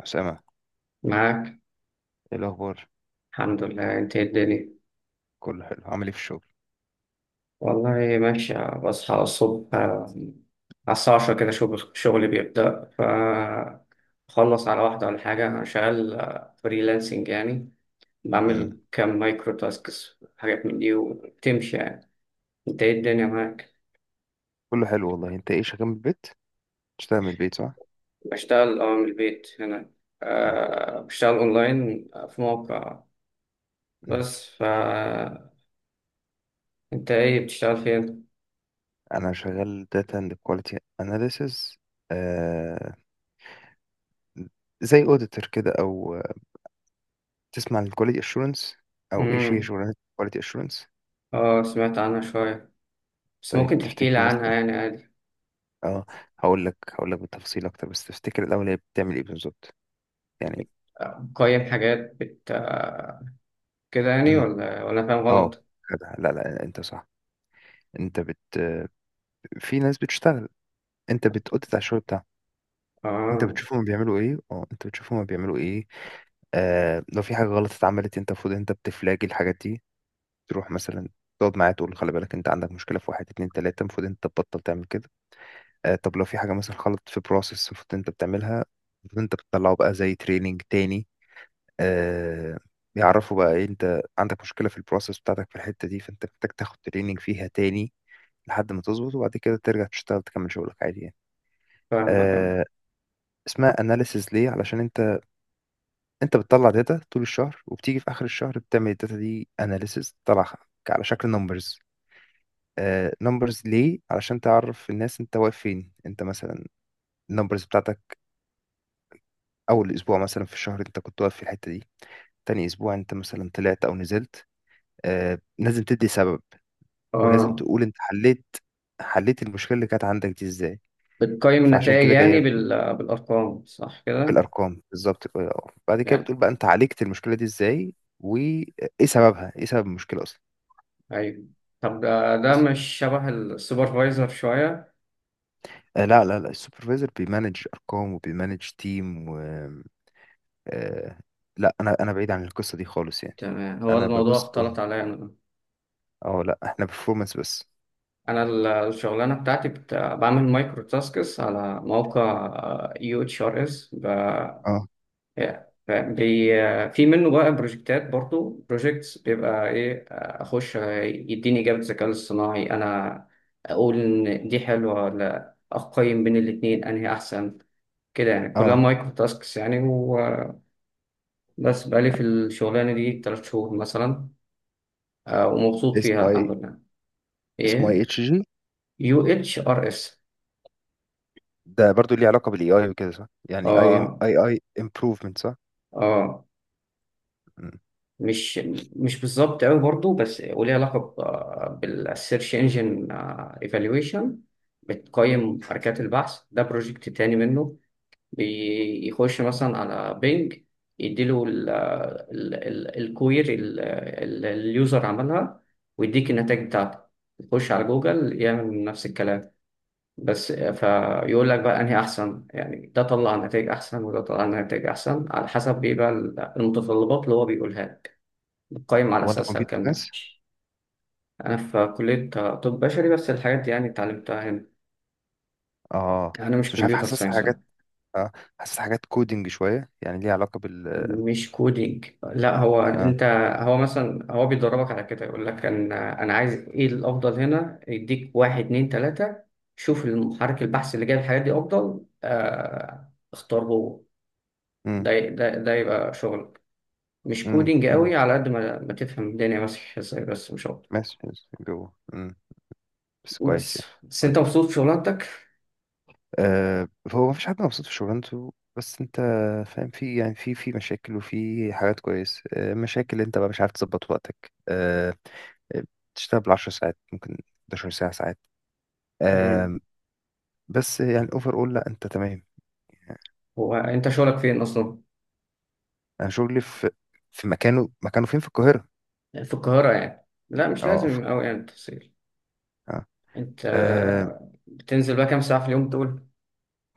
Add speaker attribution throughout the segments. Speaker 1: أسامة،
Speaker 2: معاك.
Speaker 1: إيه الأخبار؟
Speaker 2: الحمد لله. انت ايه الدنيا؟
Speaker 1: كله حلو، عامل إيه في الشغل؟
Speaker 2: والله ماشية. بصحى الصبح على الساعة 10 كده، شغلي بيبدأ، فخلص على واحدة ولا حاجة. أنا شغال فريلانسنج يعني.
Speaker 1: مم.
Speaker 2: بعمل كام مايكرو تاسكس، حاجات من دي، وبتمشي يعني. انت ايه الدنيا معاك؟
Speaker 1: كله حلو والله، أنت إيه شغال من البيت؟ بتشتغل من البيت صح؟
Speaker 2: بشتغل من البيت هنا.
Speaker 1: مم.
Speaker 2: بشتغل اونلاين في موقع.
Speaker 1: مم.
Speaker 2: بس، انت ايه بتشتغل فين؟
Speaker 1: أنا شغال Data and Quality Analysis. آه... زي أوديتور كده أو آه، تسمع عن Quality Assurance، أو إيش هي
Speaker 2: امم
Speaker 1: شغلانة Quality Assurance؟
Speaker 2: اه، سمعت عنها شوية، بس
Speaker 1: طيب،
Speaker 2: ممكن تحكي لي
Speaker 1: تفتكر
Speaker 2: عنها
Speaker 1: مثلا
Speaker 2: يعني عادي.
Speaker 1: أه هقول لك بالتفصيل أكتر، بس تفتكر الأول هي بتعمل إيه بالظبط؟ يعني...
Speaker 2: قيم حاجات، بت آه، كده يعني،
Speaker 1: مم.
Speaker 2: ولا أنا فاهم
Speaker 1: أه
Speaker 2: غلط؟
Speaker 1: كده. لا لا، أنت صح. أنت بت في ناس بتشتغل، أنت بتأوديت على الشغل بتاعهم.
Speaker 2: اه،
Speaker 1: انت بتشوف هما بيعملوا ايه. لو في حاجه غلط اتعملت، المفروض انت بتفلاجي الحاجات دي. تروح مثلا تقعد معاه تقول له خلي بالك، انت عندك مشكله في واحد اتنين تلاته، المفروض انت تبطل تعمل كده. طب لو في حاجه مثلا غلط في بروسيس المفروض انت بتعملها، المفروض انت بتطلعه بقى زي تريننج تاني. آه يعرفوا بقى ايه، انت عندك مشكله في البروسيس بتاعتك في الحته دي، فانت محتاج تاخد تريننج فيها تاني لحد ما تظبط، وبعد كده ترجع تشتغل تكمل شغلك عادي يعني.
Speaker 2: فاهم فاهم.
Speaker 1: آه اسمها اناليسيز ليه؟ علشان انت بتطلع داتا طول الشهر، وبتيجي في اخر الشهر بتعمل الداتا دي اناليسيس تطلعها على شكل نمبرز. نمبرز ليه؟ علشان تعرف الناس انت واقف فين. انت مثلا النمبرز بتاعتك اول اسبوع مثلا في الشهر انت كنت واقف في الحتة دي، تاني اسبوع انت مثلا طلعت او نزلت. لازم تدي سبب، ولازم
Speaker 2: اه،
Speaker 1: تقول انت حليت المشكلة اللي كانت عندك دي ازاي.
Speaker 2: بتقيم
Speaker 1: فعشان
Speaker 2: النتائج
Speaker 1: كده
Speaker 2: يعني
Speaker 1: جاية
Speaker 2: بالأرقام صح كده؟
Speaker 1: بالارقام بالظبط كده. بعد كده بتقول
Speaker 2: يعني،
Speaker 1: بقى انت عالجت المشكلة دي ازاي، وايه سببها. ايه سبب المشكلة
Speaker 2: أيوه. طب ده
Speaker 1: اصلا؟
Speaker 2: مش شبه السوبرفايزر شوية.
Speaker 1: لا لا لا، السوبرفايزر بيمانج ارقام وبيمانج تيم و آه، لا، انا بعيد عن القصه دي خالص يعني.
Speaker 2: تمام، هو
Speaker 1: انا
Speaker 2: الموضوع
Speaker 1: ببص
Speaker 2: اختلط عليا أنا.
Speaker 1: لا احنا بيرفورمانس بس.
Speaker 2: أنا الشغلانة بتاعتي بعمل مايكرو تاسكس على موقع يو اتش ار اس.
Speaker 1: اه
Speaker 2: ف- في منه بقى بروجكتات، برضو بروجكتس، بيبقى ايه، اخش يديني اجابه الذكاء الاصطناعي انا، اقول ان دي حلوه ولا اقيم بين الاتنين انهي احسن، كده يعني. كلها
Speaker 1: اه،
Speaker 2: مايكرو تاسكس يعني وبس. بقالي في الشغلانه دي 3 شهور مثلا، ومبسوط فيها
Speaker 1: اسمه ايه؟
Speaker 2: الحمد لله.
Speaker 1: اسمه
Speaker 2: ايه؟
Speaker 1: اي اتش جي؟
Speaker 2: يو اتش ار اس.
Speaker 1: ده برضو ليه علاقه بالاي اي وكده صح؟ يعني اي
Speaker 2: اه
Speaker 1: اي اي امبروفمنت صح؟
Speaker 2: اه.
Speaker 1: مم.
Speaker 2: مش مش بالظبط قوي برضو، بس وليه علاقة بالسيرش انجن ايفالويشن. بتقيم حركات البحث. ده بروجكت تاني منه، بيخش مثلا على بينج، يديله الكوير اليوزر عملها، ويديك النتائج بتاعته. يخش على جوجل يعمل نفس الكلام. بس فيقول لك بقى انهي احسن، يعني ده طلع نتائج احسن وده طلع نتائج احسن على حسب ايه بقى المتطلبات اللي هو بيقولها لك. قايم على
Speaker 1: هو انت
Speaker 2: أساسها
Speaker 1: كمبيوتر
Speaker 2: الكلام ده.
Speaker 1: ساينس؟
Speaker 2: أنا في كلية طب بشري، بس الحاجات دي يعني اتعلمتها هنا.
Speaker 1: اه،
Speaker 2: أنا مش
Speaker 1: بس مش عارف،
Speaker 2: كمبيوتر
Speaker 1: حاسسها
Speaker 2: ساينس
Speaker 1: حاجات.
Speaker 2: يعني.
Speaker 1: اه حاسسها حاجات كودينج شويه، يعني ليه علاقه بال...
Speaker 2: مش كودينج، لا هو
Speaker 1: اه.
Speaker 2: أنت، هو مثلا، هو بيدربك على كده. يقول لك أنا عايز إيه الأفضل هنا، يديك واحد اتنين تلاتة، شوف المحرك البحث اللي جايب الحاجات دي أفضل اختار هو.
Speaker 1: امم
Speaker 2: ده يبقى شغلك. مش
Speaker 1: امم.
Speaker 2: كودينج
Speaker 1: امم،
Speaker 2: قوي، على قد ما تفهم الدنيا ماشية ازاي بس، مش أكتر.
Speaker 1: ماشي ماشي، جوه. بس كويس
Speaker 2: بس
Speaker 1: يعني.
Speaker 2: بس أنت
Speaker 1: كويس.
Speaker 2: مبسوط في شغلانتك؟
Speaker 1: آه، هو مفيش حد مبسوط في شغلانته، بس انت فاهم، في يعني، في مشاكل وفي حاجات كويس. مشاكل انت بقى مش عارف تظبط وقتك. آه، بتشتغل بالعشر ساعات، ممكن 11 ساعة ساعات.
Speaker 2: مم.
Speaker 1: آه، بس يعني اوفر اول لا، انت تمام.
Speaker 2: هو أنت شغلك فين أصلا؟
Speaker 1: انا شغلي في مكانه. فين في القاهرة؟
Speaker 2: في القاهرة يعني، لا مش
Speaker 1: اه،
Speaker 2: لازم أوي يعني التفصيل.
Speaker 1: آه.
Speaker 2: أنت
Speaker 1: آه،
Speaker 2: بتنزل بقى كام ساعة في اليوم دول؟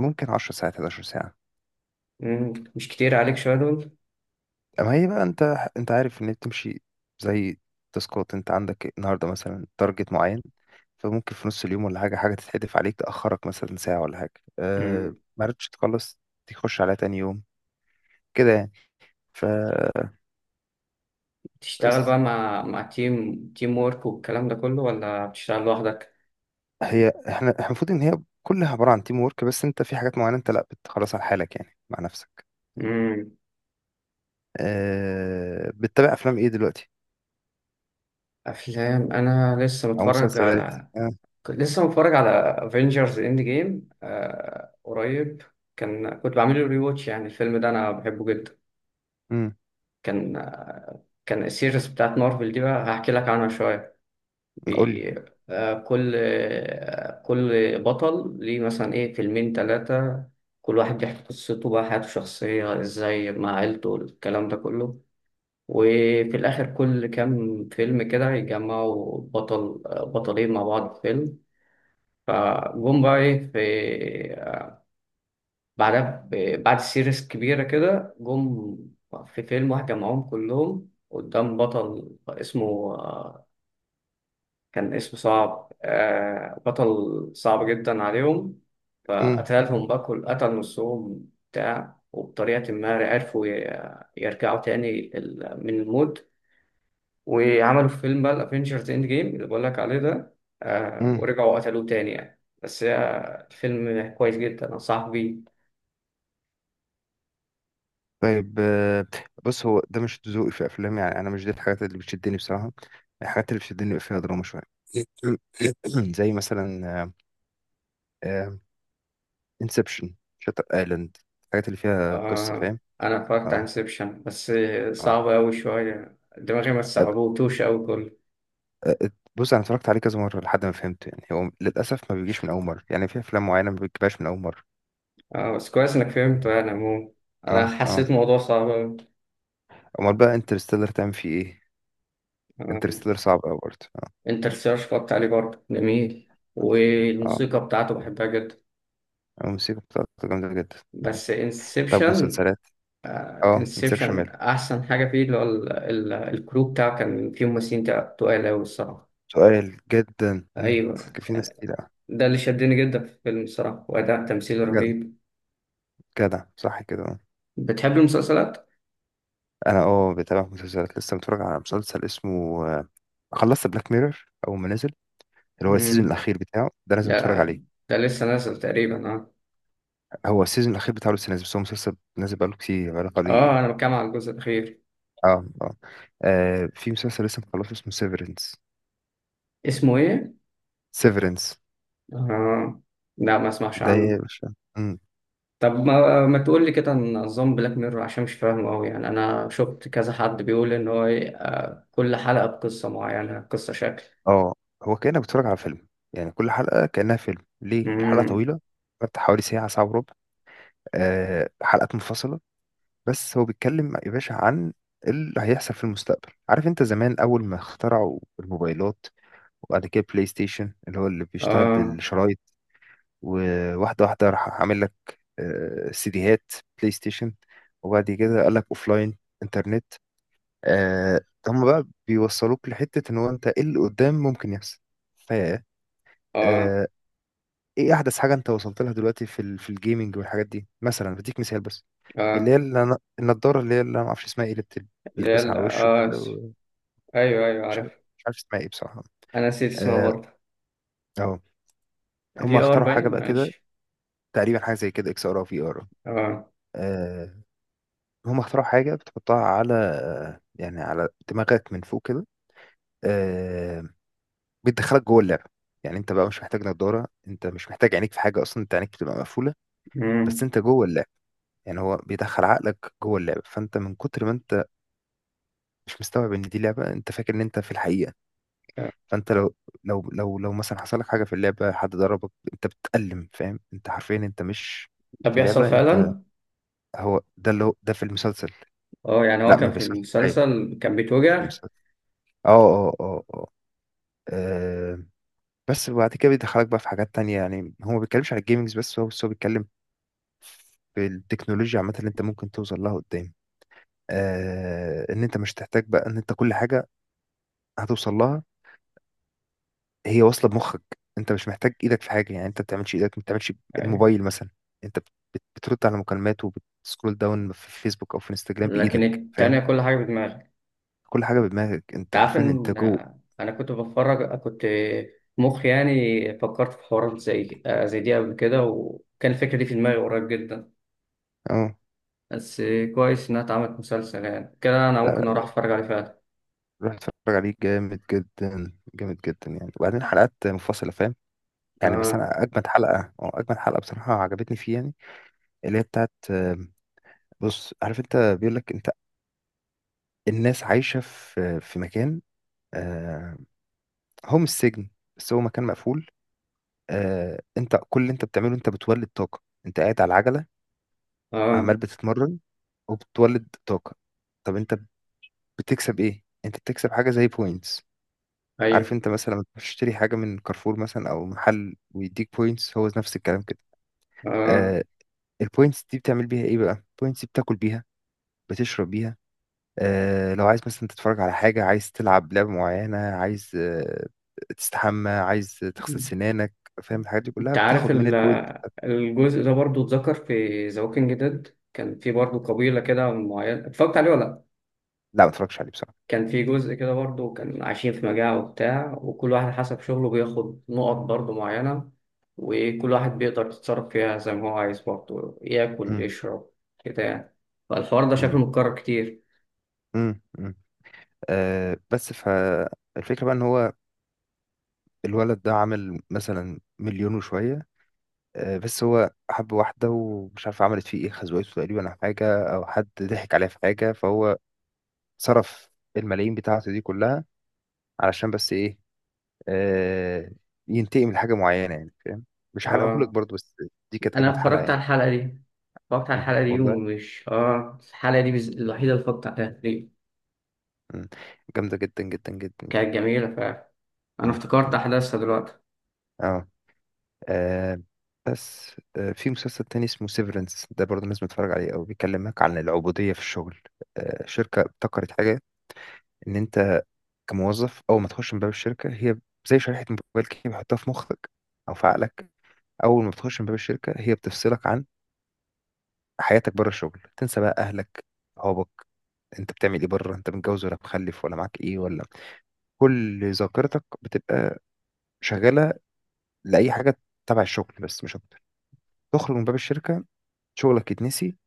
Speaker 1: ممكن 10 ساعات، 11 ساعة.
Speaker 2: مش كتير عليك شوية دول؟
Speaker 1: ما هي بقى انت عارف ان هي بتمشي زي تاسكات. انت عندك النهارده مثلا تارجت معين، فممكن في نص اليوم ولا حاجه، حاجه تتحدف عليك تاخرك مثلا ساعه ولا حاجه،
Speaker 2: مم.
Speaker 1: ما عرفتش تخلص، تخش على تاني يوم كده يعني. فبس...
Speaker 2: بتشتغل بقى مع تيم وورك والكلام ده كله، ولا بتشتغل لوحدك؟
Speaker 1: هي احنا، المفروض ان هي كلها عباره عن تيم ورك، بس انت في حاجات معينه انت لا بتخلص على حالك يعني مع نفسك.
Speaker 2: مم.
Speaker 1: بتتابع افلام ايه دلوقتي
Speaker 2: أفلام، أنا لسه
Speaker 1: او
Speaker 2: متفرج
Speaker 1: مسلسلات؟
Speaker 2: على
Speaker 1: أه
Speaker 2: كنت لسه متفرج على افنجرز اند جيم قريب. كنت بعمل له ريواتش يعني. الفيلم ده أنا بحبه جدا.
Speaker 1: امم
Speaker 2: كان السيريز بتاعت مارفل دي، بقى هحكي لك عنها شوية.
Speaker 1: قول لي.
Speaker 2: بي... كل بطل ليه مثلا ايه فيلمين تلاتة. كل واحد بيحكي قصته بقى، حياته الشخصية ازاي مع عيلته، الكلام ده كله. وفي الآخر كل كام فيلم كده يجمعوا بطلين مع بعض في فيلم. فجم بقى ايه، في بعدها بعد سيريس كبيرة كده جم في فيلم واحد جمعهم كلهم قدام بطل اسمه كان اسم صعب، بطل صعب جدا عليهم. فقتلهم بقى، كل قتل نصهم بتاع، وبطريقة ما عرفوا يرجعوا تاني من الموت. وعملوا في فيلم بقى الافينجرز اند جيم اللي بقول لك عليه ده.
Speaker 1: امم.
Speaker 2: ورجعوا قتلوه تاني يعني، بس الفيلم كويس جدا أنصحك بيه.
Speaker 1: طيب. بص، هو ده مش ذوقي في افلام يعني، انا مش دي الحاجات اللي بتشدني بصراحه. الحاجات اللي بتشدني بيبقى فيها دراما شويه. زي مثلا انسبشن، شاتر ايلاند، الحاجات اللي فيها قصه
Speaker 2: آه
Speaker 1: فاهم.
Speaker 2: أنا اتفرجت على
Speaker 1: اه
Speaker 2: انسبشن بس،
Speaker 1: اه.
Speaker 2: صعب أوي شوية، دماغي ما
Speaker 1: أب-
Speaker 2: استوعبتوش أوي كله.
Speaker 1: أ- بص، انا اتفرجت عليه كذا مره لحد ما فهمته يعني. هو للاسف ما بيجيش من اول مره يعني، في افلام معينه ما بتجيبهاش من اول مره.
Speaker 2: اه، بس كويس انك فهمت يعني عموما.
Speaker 1: اه
Speaker 2: انا
Speaker 1: اه.
Speaker 2: حسيت موضوع صعب أوي.
Speaker 1: امال بقى انترستيلر تعمل فيه ايه؟
Speaker 2: آه،
Speaker 1: انترستيلر صعب قوي برضه اه.
Speaker 2: انت السيرش فكرت عليه برضه جميل،
Speaker 1: اه،
Speaker 2: والموسيقى بتاعته بحبها جدا.
Speaker 1: الموسيقى بتاعته جامده جدا.
Speaker 2: بس
Speaker 1: طب
Speaker 2: انسبشن
Speaker 1: مسلسلات. اه انسبشن،
Speaker 2: انسبشن احسن حاجه فيه اللي هو الكرو بتاعه، كان فيه ممثلين تقال قوي الصراحه.
Speaker 1: سؤال جدا. مم.
Speaker 2: ايوه
Speaker 1: كان في ناس
Speaker 2: يعني.
Speaker 1: كتير.
Speaker 2: ده اللي شدني جدا في الفيلم الصراحه، واداء تمثيل
Speaker 1: جدع،
Speaker 2: رهيب.
Speaker 1: صح كده.
Speaker 2: بتحب المسلسلات؟
Speaker 1: انا اه، بتابع مسلسلات. لسه متفرج على مسلسل اسمه خلصت بلاك ميرور اول ما نزل، اللي هو
Speaker 2: امم.
Speaker 1: السيزون الاخير بتاعه، ده لازم
Speaker 2: ده
Speaker 1: تتفرج عليه.
Speaker 2: ده لسه نازل تقريبا اه.
Speaker 1: هو السيزون الاخير بتاعه لسه نازل، بس هو مسلسل نازل بقاله كتير، بقاله
Speaker 2: اه،
Speaker 1: حوالي...
Speaker 2: انا بتكلم على الجزء الاخير.
Speaker 1: اه اه. في مسلسل لسه مخلصه اسمه سيفرنس.
Speaker 2: اسمه ايه؟
Speaker 1: سيفرنس.
Speaker 2: آه. لا، ما اسمعش
Speaker 1: ده
Speaker 2: عنه.
Speaker 1: يا باشا... مم.
Speaker 2: طب ما تقول لي كده عن نظام بلاك ميرور عشان مش فاهمه قوي يعني. انا شفت كذا حد بيقول ان هو كل حلقة بقصة معينة قصة شكل.
Speaker 1: اه، هو كأنك بتتفرج على فيلم يعني، كل حلقة كأنها فيلم، ليه الحلقة
Speaker 2: امم.
Speaker 1: طويلة، بتاعت حوالي ساعة، ساعة وربع. حلقات منفصلة. بس هو بيتكلم يا باشا عن اللي هيحصل في المستقبل. عارف انت زمان اول ما اخترعوا الموبايلات، وبعد كده بلاي ستيشن اللي هو اللي بيشتغل
Speaker 2: اه
Speaker 1: بالشرايط، وواحده واحده راح عامل لك سيديهات، بلاي ستيشن، وبعد كده قال لك لاين، انترنت. آه، هم بقى بيوصلوك لحتة ان هو انت ايه اللي قدام ممكن يحصل. ف
Speaker 2: اه
Speaker 1: آه، ايه احدث حاجة انت وصلت لها دلوقتي في في الجيمنج والحاجات دي؟ مثلا بديك مثال بس، اللي هي
Speaker 2: اه.
Speaker 1: النضاره، اللي هي اللي انا ما اعرفش اسمها ايه، اللي
Speaker 2: اللي هي
Speaker 1: بيلبسها على وشه
Speaker 2: اه،
Speaker 1: كده
Speaker 2: ايوه ايوه
Speaker 1: مش عارف،
Speaker 2: عارف.
Speaker 1: مش عارف اسمها ايه بصراحه.
Speaker 2: انا نسيت اسمها
Speaker 1: اه
Speaker 2: برضه.
Speaker 1: اهو. هم
Speaker 2: في ار
Speaker 1: اخترعوا حاجه
Speaker 2: باين
Speaker 1: بقى كده،
Speaker 2: ماشي.
Speaker 1: تقريبا حاجه زي كده اكس ار او في ار.
Speaker 2: اه.
Speaker 1: آه، هم اخترعوا حاجه بتحطها على على دماغك من فوق كده. آه، بتدخلك جوه اللعبه. يعني انت بقى مش محتاج نضاره، انت مش محتاج عينيك في حاجه اصلا، انت عينيك بتبقى مقفوله، بس
Speaker 2: امم.
Speaker 1: انت جوه اللعبه. يعني هو بيدخل عقلك جوه اللعبه، فانت من كتر ما انت مش مستوعب ان دي لعبه، انت فاكر ان انت في الحقيقه. فانت لو، مثلا حصل لك حاجه في اللعبه، حد ضربك انت بتتألم، فاهم؟ انت حرفيا انت مش
Speaker 2: طب
Speaker 1: في
Speaker 2: بيحصل
Speaker 1: لعبه، انت...
Speaker 2: فعلا؟
Speaker 1: هو ده اللي، هو ده في المسلسل.
Speaker 2: اه، يعني هو
Speaker 1: لا ما
Speaker 2: كان في
Speaker 1: بيحصلش معايا
Speaker 2: المسلسل كان
Speaker 1: في
Speaker 2: بيتوجع.
Speaker 1: المسلسل. اه اه اه اه آه، بس وبعد كده بيدخلك بقى في حاجات تانية، يعني هو ما بيتكلمش على الجيمنجز بس، هو بيتكلم في التكنولوجيا عامة اللي انت ممكن توصل لها قدام. ان انت مش تحتاج بقى ان انت كل حاجة هتوصل لها، هي واصله بمخك، انت مش محتاج ايدك في حاجه يعني، انت ما بتعملش ايدك، ما بتعملش
Speaker 2: أيوة.
Speaker 1: الموبايل مثلا. انت بترد على مكالمات، وبتسكرول داون في فيسبوك او في انستجرام
Speaker 2: لكن
Speaker 1: بايدك، فاهم.
Speaker 2: التانية كل حاجة بدماغه.
Speaker 1: كل حاجه بدماغك
Speaker 2: انت
Speaker 1: انت،
Speaker 2: عارف
Speaker 1: عارفين انت
Speaker 2: ان
Speaker 1: جو.
Speaker 2: انا كنت مخي يعني فكرت في حوارات زي دي قبل كده، وكان الفكره دي في دماغي قريب جدا.
Speaker 1: اه.
Speaker 2: بس كويس انها اتعملت مسلسل، يعني كده انا ممكن اروح
Speaker 1: لا،
Speaker 2: اتفرج عليه فعلا.
Speaker 1: روح اتفرج عليه، جامد جدا جامد جدا يعني. وبعدين حلقات منفصله فاهم. يعني بس
Speaker 2: اه
Speaker 1: انا اجمد حلقه، اه اجمد حلقه بصراحه عجبتني فيه، يعني اللي هي بتاعت بص عارف، انت بيقول لك انت... الناس عايشه في، مكان. آه، هو مش سجن، بس هو مكان مقفول. انت كل اللي انت بتعمله انت بتولد طاقه، انت قاعد على العجله
Speaker 2: اه
Speaker 1: عمال بتتمرن وبتولد طاقه. طب انت بتكسب ايه؟ انت بتكسب حاجه زي بوينتس. عارف
Speaker 2: ايوه
Speaker 1: انت مثلا لما تروح تشتري حاجه من كارفور مثلا او محل ويديك بوينتس، هو نفس الكلام كده.
Speaker 2: اه.
Speaker 1: آه البوينتس دي بتعمل بيها ايه بقى؟ البوينتس دي بتاكل بيها، بتشرب بيها. لو عايز مثلا تتفرج على حاجه، عايز تلعب لعبه معينه، عايز تستحمى، عايز تغسل سنانك، فاهم، الحاجات دي كلها
Speaker 2: انت عارف
Speaker 1: بتاخد من البوينت.
Speaker 2: الجزء ده برضو، اتذكر في ذا ووكينج ديد كان في برضو قبيله كده معينه، اتفرجت عليه ولا لأ؟
Speaker 1: لا ما اتفرجش عليه بصراحه.
Speaker 2: كان في جزء كده برضه، كان عايشين في مجاعة وبتاع، وكل واحد حسب شغله بياخد نقط برضه معينة. وكل واحد بيقدر يتصرف فيها زي ما هو عايز برضه، ياكل
Speaker 1: مم.
Speaker 2: يشرب كده يعني. فالحوار ده شكله
Speaker 1: مم.
Speaker 2: متكرر كتير.
Speaker 1: امم. بس فالفكرة بقى ان هو الولد ده عمل مثلا مليون وشوية. بس هو حب واحدة ومش عارف عملت فيه ايه، خزوقته تقريبا او حاجة، او حد ضحك عليه في حاجة، فهو صرف الملايين بتاعته دي كلها علشان بس ايه؟ آه ينتقم لحاجة معينة يعني فاهم. مش هحرقهولك
Speaker 2: اه،
Speaker 1: برضه، بس دي كانت
Speaker 2: انا
Speaker 1: اجمد حلقة
Speaker 2: اتفرجت على
Speaker 1: يعني.
Speaker 2: الحلقة دي. اتفرجت على
Speaker 1: مم.
Speaker 2: الحلقة دي
Speaker 1: والله
Speaker 2: ومش الحلقة دي الوحيدة اللي اتفرجت عليها دي.
Speaker 1: مم. جامدة جدا جدا جدا يعني.
Speaker 2: كانت جميلة فعلا. انا
Speaker 1: مم.
Speaker 2: افتكرت
Speaker 1: مم.
Speaker 2: احداثها دلوقتي.
Speaker 1: اه. آه بس آه في مسلسل تاني اسمه سيفرنس، ده برضه لازم تتفرج عليه أوي. بيكلمك عن العبودية في الشغل. شركة ابتكرت حاجة، إن أنت كموظف أول ما تخش من باب الشركة، هي زي شريحة موبايل كده بيحطها في مخك أو في عقلك. أول ما بتخش من باب الشركة، هي بتفصلك عن حياتك بره الشغل. تنسى بقى أهلك، صحابك، أنت بتعمل إيه بره، أنت متجوز ولا مخلف، ولا معاك إيه، ولا... كل ذاكرتك بتبقى شغالة لأي حاجة تبع الشغل بس، مش أكتر. تخرج من باب الشركة، شغلك يتنسي،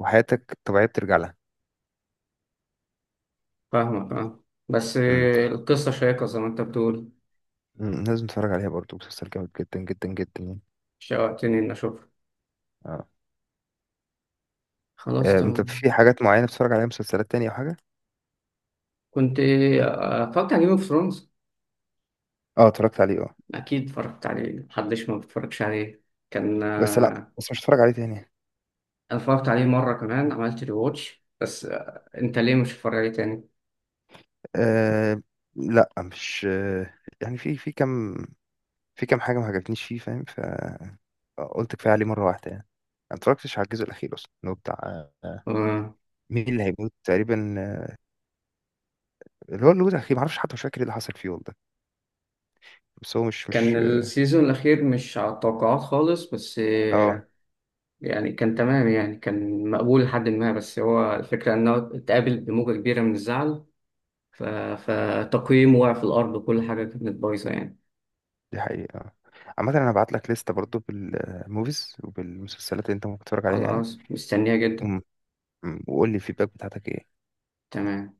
Speaker 1: وحياتك الطبيعية بترجع لها.
Speaker 2: فاهمك اه، بس
Speaker 1: مم.
Speaker 2: القصة شيقة زي ما انت بتقول.
Speaker 1: مم. مم. لازم تتفرج عليها برضو، مسلسل جامد جدا جدا جدا يعني.
Speaker 2: شوقتني اني اشوفها.
Speaker 1: اه.
Speaker 2: خلاص
Speaker 1: انت
Speaker 2: تمام.
Speaker 1: في حاجات معينة بتتفرج عليها مسلسلات تانية او حاجة؟
Speaker 2: كنت اتفرجت على جيم اوف ثرونز.
Speaker 1: اه، اتفرجت عليه اه.
Speaker 2: اكيد اتفرجت عليه، محدش ما بيتفرجش عليه. كان
Speaker 1: بس لا،
Speaker 2: آه،
Speaker 1: بس مش هتفرج عليه تاني يعني.
Speaker 2: انا اتفرجت عليه مره كمان، عملت ري واتش، بس انت ليه مش هتتفرج عليه تاني؟
Speaker 1: آه لا مش آه يعني في كام، في كام حاجة ما عجبتنيش فيه فاهم، فقلت كفاية عليه مرة واحدة يعني. ما اتفرجتش على الجزء الأخير أصلا، اللي هو بتاع
Speaker 2: آه،
Speaker 1: مين اللي هيموت تقريبا. اللي هو، اللي هو الأخير، معرفش حتى، مش فاكر ايه اللي حصل فيه والله، بس هو مش،
Speaker 2: كان
Speaker 1: مش...
Speaker 2: السيزون الاخير مش على التوقعات خالص، بس
Speaker 1: اه
Speaker 2: يعني كان تمام، يعني كان مقبول لحد ما. بس هو الفكره انه اتقابل بموجه كبيره من الزعل. ف- فتقييمه وقع في الارض وكل حاجه كانت بايظه يعني.
Speaker 1: دي حقيقة. عامة أنا هبعت لك لستة برضو بالموفيز وبالمسلسلات اللي أنت ممكن تتفرج عليها يعني.
Speaker 2: خلاص مستنيه جدا.
Speaker 1: وم- وقول لي الفيدباك بتاعتك إيه.
Speaker 2: تمام.